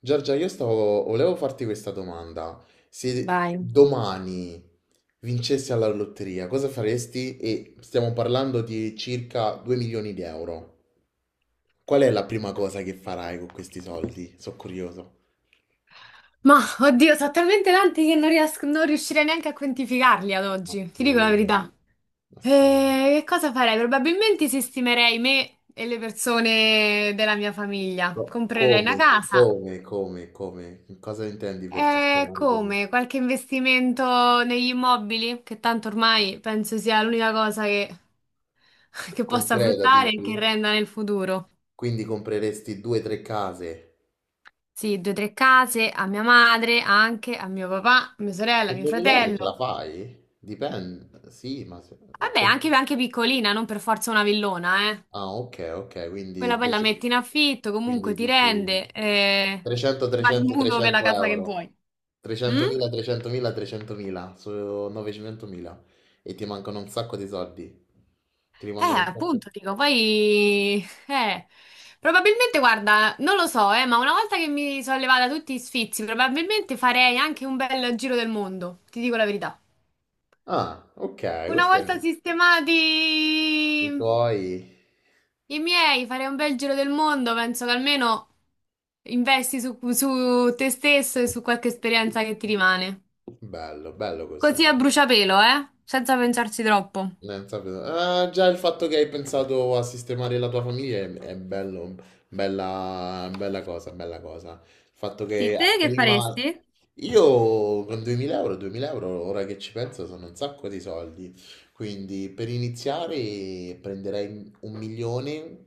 Giorgia, volevo farti questa domanda. Se Vai. domani vincessi alla lotteria, cosa faresti? E stiamo parlando di circa 2 milioni di euro. Qual è la prima cosa che farai con questi soldi? Sono curioso. Ma oddio, sono talmente tanti che non riuscirei neanche a quantificarli ad Ma oggi, ti dico la sì, verità. ma sì. Che cosa farei? Probabilmente sistemerei me e le persone della mia famiglia. Co- Comprerei una come, casa. come? Cosa intendi per E sistemare? Quindi, come? Qualche investimento negli immobili? Che tanto ormai penso sia l'unica che possa concreta, fruttare e dici? che renda nel futuro. Quindi compreresti due o tre case? Sì, due o tre case a mia madre, anche a mio papà, a mia sorella, a Con mio 2000 euro ce la fratello. fai? Dipende, sì, ma... Vabbè, anche piccolina, non per forza una villona, eh. Ah, ok, ok, Quella quindi, poi la dici- metti in affitto, comunque quindi ti dici rende, 300, ti fa il 300, mutuo per la 300 casa che euro. vuoi. Mm? 300.000, 300.000, 300.000, sono 900.000 e ti mancano un sacco di soldi. Ti rimangono un sacco. Appunto, dico, poi... probabilmente, guarda, non lo so, ma una volta che mi sono levata tutti i sfizi, probabilmente farei anche un bel giro del mondo, ti dico la verità. Ah, ok, Una questo è volta i sistemati... tuoi. I miei, farei un bel giro del mondo, penso che almeno investi su te stesso e su qualche esperienza che ti rimane. Bello, bello così. Così a bruciapelo, eh? Senza pensarci troppo. Sapevo. Ah, già il fatto che hai pensato a sistemare la tua famiglia è bello, bella, bella cosa, bella cosa. Il fatto Sì, che te che prima... faresti? Io con 2000 euro, 2000 euro, ora che ci penso, sono un sacco di soldi. Quindi per iniziare prenderei un milione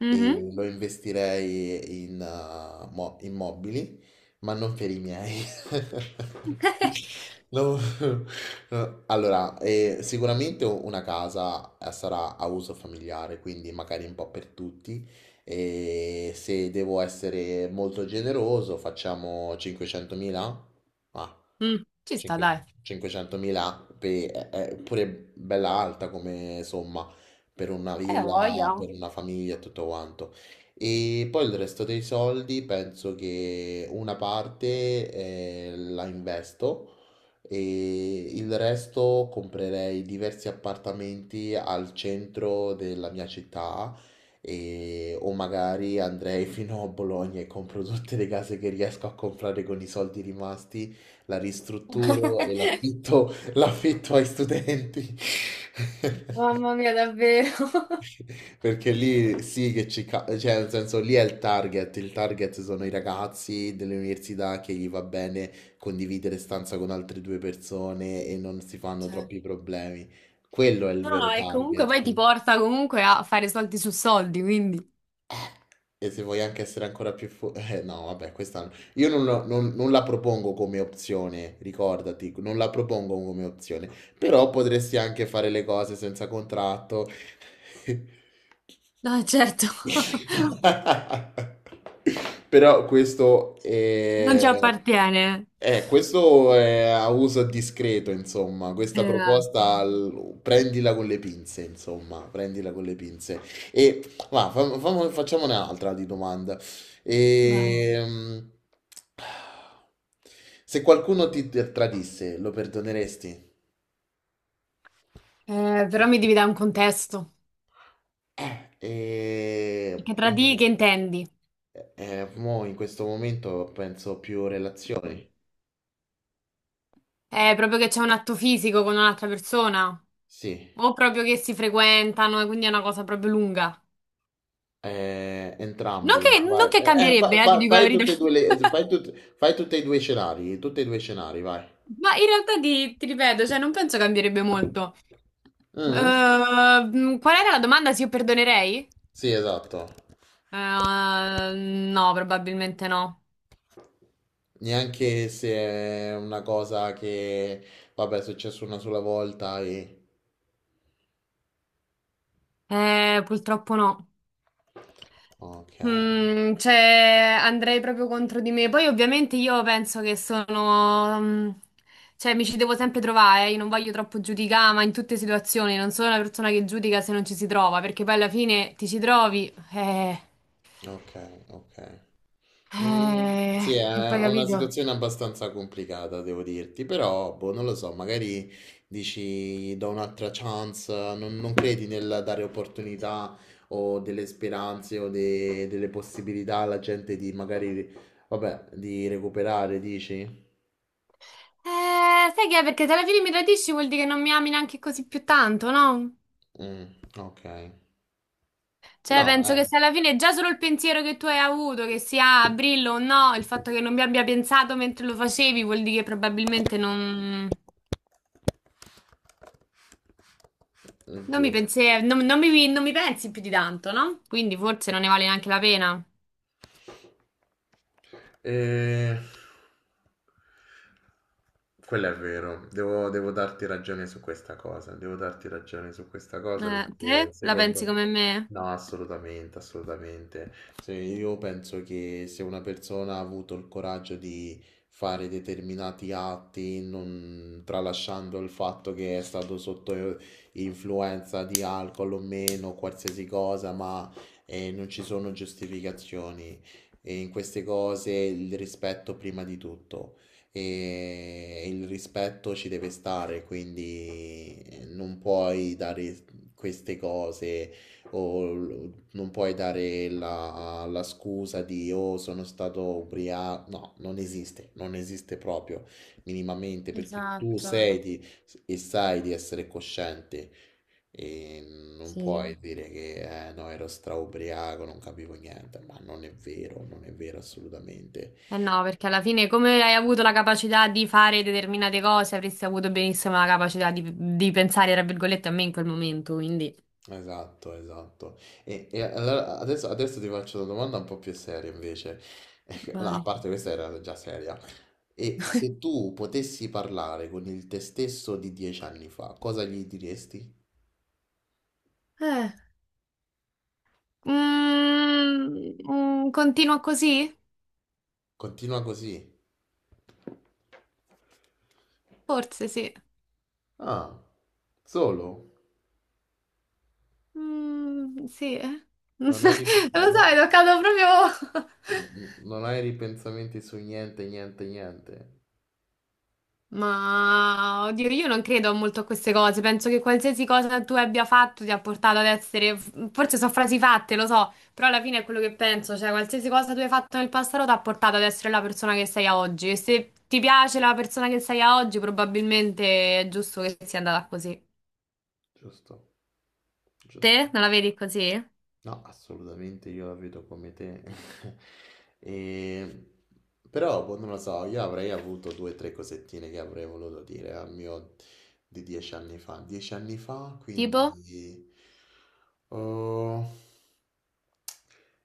Mhm. e lo investirei in immobili, ma non per i miei. No, no. Allora, sicuramente una casa sarà a uso familiare, quindi magari un po' per tutti. E se devo essere molto generoso, facciamo 500.000? Ah, Mm, ci sta, dai. 500.000, è pure bella alta come somma, per una Ho villa, voglia. per una famiglia e tutto quanto. E poi il resto dei soldi penso che una parte la investo e il resto comprerei diversi appartamenti al centro della mia città e, o magari andrei fino a Bologna e compro tutte le case che riesco a comprare con i soldi rimasti, la ristrutturo e l'affitto, l'affitto ai studenti. Mamma mia, davvero. Perché lì sì che ci... cioè nel senso lì è il target, sono i ragazzi delle università che gli va bene condividere stanza con altre due persone e non si fanno Cioè, troppi problemi. Quello è il no, no, vero e comunque target. poi ti porta comunque a fare soldi su soldi, quindi. E se vuoi anche essere ancora più forte, no, vabbè, questa no. Io non la propongo come opzione, ricordati, non la propongo come opzione, però potresti anche fare le cose senza contratto. No, certo. Però Non ci appartiene. Questo è a uso discreto, insomma, questa Esatto. proposta prendila con le pinze, insomma, prendila con le pinze. E ma facciamone un'altra di domanda. Vabbè. Ehm, Se qualcuno ti tradisse, lo perdoneresti? Però mi devi dare un contesto. Eh, eh, Perché tra di che intendi? mo in questo momento penso più relazioni. È proprio che c'è un atto fisico con un'altra persona? Sì, O proprio che si frequentano e quindi è una cosa proprio lunga? Entrambi. Vai. Non che Fa- cambierebbe, ti fa- dico la fai verità. tutte e due le- fai tut- fai tutti e due i scenari, tutti e due i scenari, vai. Ma in realtà ti ripeto, cioè non penso cambierebbe molto. Mm? Qual era la domanda? Se io perdonerei? Sì, esatto. No, probabilmente no. Neanche se è una cosa che, vabbè, è successo una sola volta e... Purtroppo no. Ok, Mm, cioè, andrei proprio contro di me. Poi, ovviamente, io penso che sono. Mm, cioè, mi ci devo sempre trovare. Eh. Io non voglio troppo giudicare, ma in tutte le situazioni non sono una persona che giudica se non ci si trova, perché poi alla fine ti ci trovi. Ok, ok. Mm, eh, sì, e è poi una capito. situazione abbastanza complicata, devo dirti, però, boh, non lo so, magari dici, do un'altra chance, non credi nel dare opportunità o delle speranze o delle possibilità alla gente di magari, vabbè, di recuperare, dici? Sai che è? Perché se alla fine mi tradisci vuol dire che non mi ami neanche così più tanto, no? Mm, ok. Cioè, No, penso che se alla fine già solo il pensiero che tu hai avuto, che sia a Brillo o no, il fatto che non mi abbia pensato mentre lo facevi, vuol dire che probabilmente è non mi giusto. pensi, non mi pensi più di tanto, no? Quindi forse non ne vale neanche la pena. E... Quello è vero, devo darti ragione su questa cosa, devo darti ragione su questa cosa perché Te la pensi secondo... come me? No, assolutamente, assolutamente. Se io penso che se una persona ha avuto il coraggio di fare determinati atti, non... tralasciando il fatto che è stato sotto influenza di alcol o meno, qualsiasi cosa, ma non ci sono giustificazioni. E in queste cose il rispetto prima di tutto. E il rispetto ci deve stare, quindi non puoi dare queste cose non puoi dare la scusa di oh sono stato ubriaco. No, non esiste, non esiste proprio minimamente perché Esatto, e sai di essere cosciente. E non sì. puoi dire che no, ero straubriaco, non capivo niente, ma non è vero, non è vero assolutamente. Eh no, perché alla fine come hai avuto la capacità di fare determinate cose, avresti avuto benissimo la capacità di pensare, tra virgolette, a me in quel momento, quindi... Esatto, esatto. E allora adesso ti faccio una domanda un po' più seria invece. No, a Vai. parte questa era già seria. E se tu potessi parlare con il te stesso di 10 anni fa, cosa gli diresti? Eh. Mm, continua così? Continua così. Forse sì. Ah, solo? Mm, sì, eh. Non lo Non so, hai, rip- no- è toccato proprio... non hai ripensamenti su niente, niente, niente. Ma, oddio, io non credo molto a queste cose. Penso che qualsiasi cosa tu abbia fatto ti ha portato ad essere... Forse sono frasi fatte, lo so, però alla fine è quello che penso. Cioè, qualsiasi cosa tu hai fatto nel passato ti ha portato ad essere la persona che sei a oggi. E se ti piace la persona che sei a oggi, probabilmente è giusto che sia andata così. Giusto, giusto. Te non la vedi così? No, assolutamente io la vedo come te. E- Però, boh, non lo so, io avrei avuto due o tre cosettine che avrei voluto dire al mio di 10 anni fa. 10 anni fa, Tipo? quindi... Oh,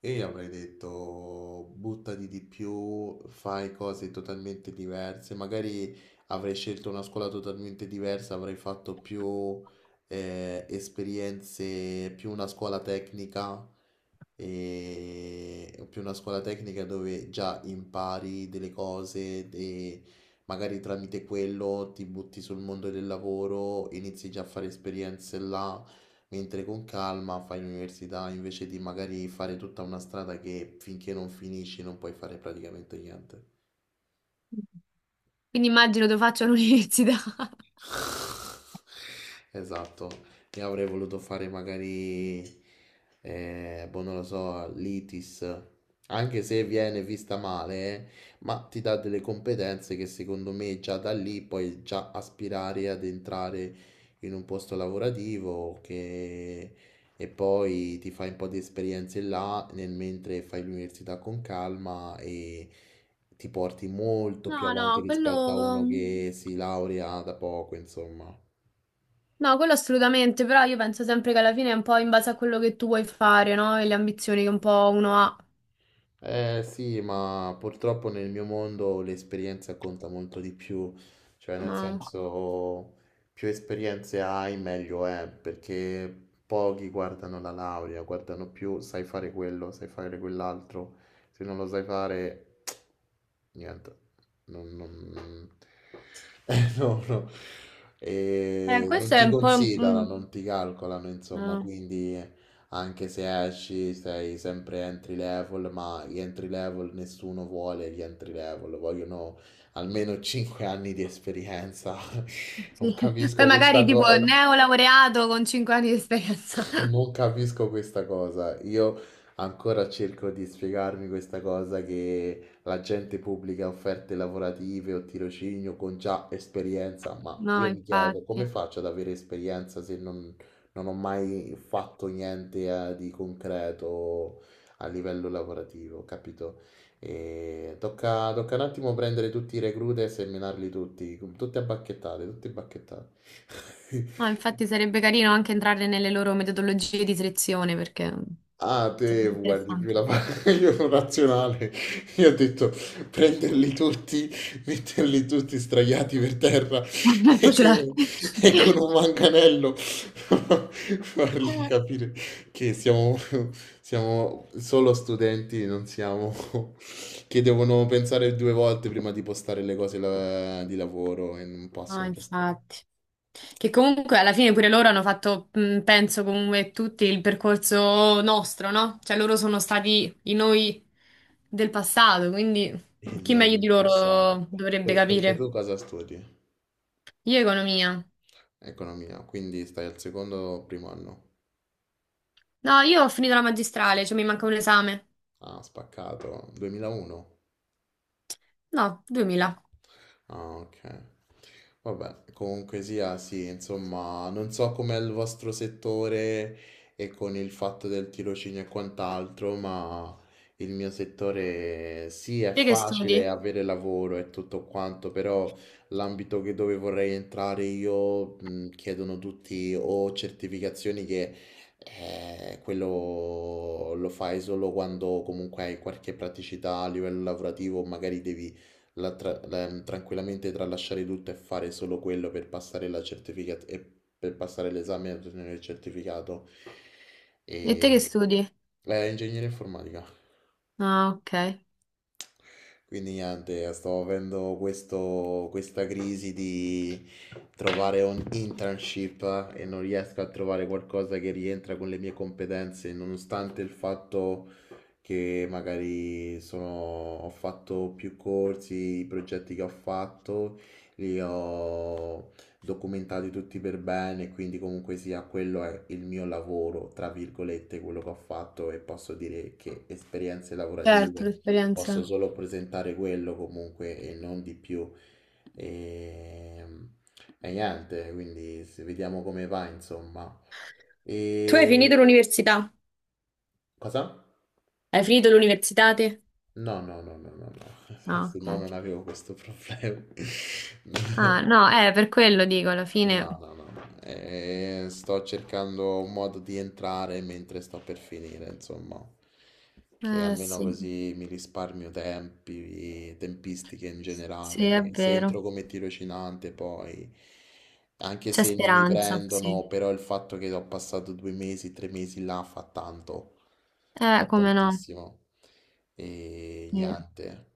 e io avrei detto buttati di più, fai cose totalmente diverse, magari avrei scelto una scuola totalmente diversa, avrei fatto più esperienze, più una scuola tecnica, e più una scuola tecnica dove già impari delle cose e magari tramite quello ti butti sul mondo del lavoro, inizi già a fare esperienze là mentre con calma fai l'università invece di magari fare tutta una strada che finché non finisci non puoi fare praticamente niente. Quindi immagino lo faccio all'università. Esatto, io avrei voluto fare magari, boh, non lo so, l'ITIS, anche se viene vista male, ma ti dà delle competenze che secondo me già da lì puoi già aspirare ad entrare in un posto lavorativo che... E poi ti fai un po' di esperienze là nel mentre fai l'università con calma e ti porti molto più No, avanti no, rispetto a uno quello... che si laurea da poco, insomma. No, quello assolutamente, però io penso sempre che alla fine è un po' in base a quello che tu vuoi fare, no? E le ambizioni che un po' uno ha. Eh sì, ma purtroppo nel mio mondo l'esperienza conta molto di più, cioè nel No. senso più esperienze hai meglio è, perché pochi guardano la laurea, guardano più sai fare quello, sai fare quell'altro, se non lo sai fare niente, non, non- no, no. E non Questo è ti un po'... un- considerano, mm, non ti calcolano, insomma, no. quindi anche se esci sei sempre entry level, ma gli entry level nessuno vuole gli entry level, vogliono almeno 5 anni di esperienza. Sì. Non Poi capisco questa magari tipo cosa. neolaureato con 5 anni di esperienza. Non capisco questa cosa. Io ancora cerco di spiegarmi questa cosa che la gente pubblica offerte lavorative o tirocinio con già esperienza, ma No, io mi chiedo come infatti. faccio ad avere esperienza se non ho mai fatto niente di concreto a livello lavorativo, capito? E tocca un attimo prendere tutti i reclute e seminarli tutti, tutti a bacchettate, tutti a bacchettate. No, infatti sarebbe carino anche entrare nelle loro metodologie di selezione perché Ah, te sarebbe guardi più interessante. la parte io sono razionale. Io ho detto prenderli tutti, metterli tutti straiati per terra Vai a fucilare. e, e con un manganello fargli capire che siamo solo studenti, non siamo che devono pensare due volte prima di postare le cose di lavoro e non Ah, possono postare. infatti. Che comunque alla fine pure loro hanno fatto, penso comunque tutti il percorso nostro, no? Cioè loro sono stati i noi del passato, quindi E chi noi meglio del di passato. loro dovrebbe Perché capire? tu cosa studi? Io economia. Economia, quindi stai al secondo o primo anno? No, io ho finito la magistrale, cioè mi manca un esame. Ah, spaccato. 2001? No, 2000. Ah, ok. Vabbè, comunque sia, sì, insomma, non so com'è il vostro settore e con il fatto del tirocinio e quant'altro, ma il mio settore sì, è Te che facile studi? avere lavoro e tutto quanto, però l'ambito che dove vorrei entrare io chiedono tutti o certificazioni che quello lo fai solo quando comunque hai qualche praticità a livello lavorativo, magari devi la tra- la- mm, tranquillamente tralasciare tutto e fare solo quello per passare l'esame e ottenere il certificato. E te E... che studi? Ingegneria informatica. Ah, ok. Quindi niente, sto avendo questa crisi di trovare un internship e non riesco a trovare qualcosa che rientra con le mie competenze, nonostante il fatto che magari ho fatto più corsi, i progetti che ho fatto li ho documentati tutti per bene, quindi comunque sia quello è il mio lavoro, tra virgolette, quello che ho fatto e posso dire che esperienze Certo, lavorative posso l'esperienza. solo presentare quello comunque e non di più. E, e niente, quindi vediamo come va, insomma. Tu hai E finito l'università? cosa? Hai finito l'università te? No, no, no, no, no, no, Ah, se no ok. non avevo questo problema. Ah, no, per quello dico, alla fine. No, no, no, no. Sto cercando un modo di entrare mentre sto per finire, insomma, che almeno Sì, così mi risparmio tempi, tempistiche in sì, generale, è che se vero. entro come tirocinante poi, anche C'è se non mi speranza, sì. prendono, però il fatto che ho passato 2 mesi, 3 mesi là fa tanto, fa Come no? tantissimo. E Sì. niente.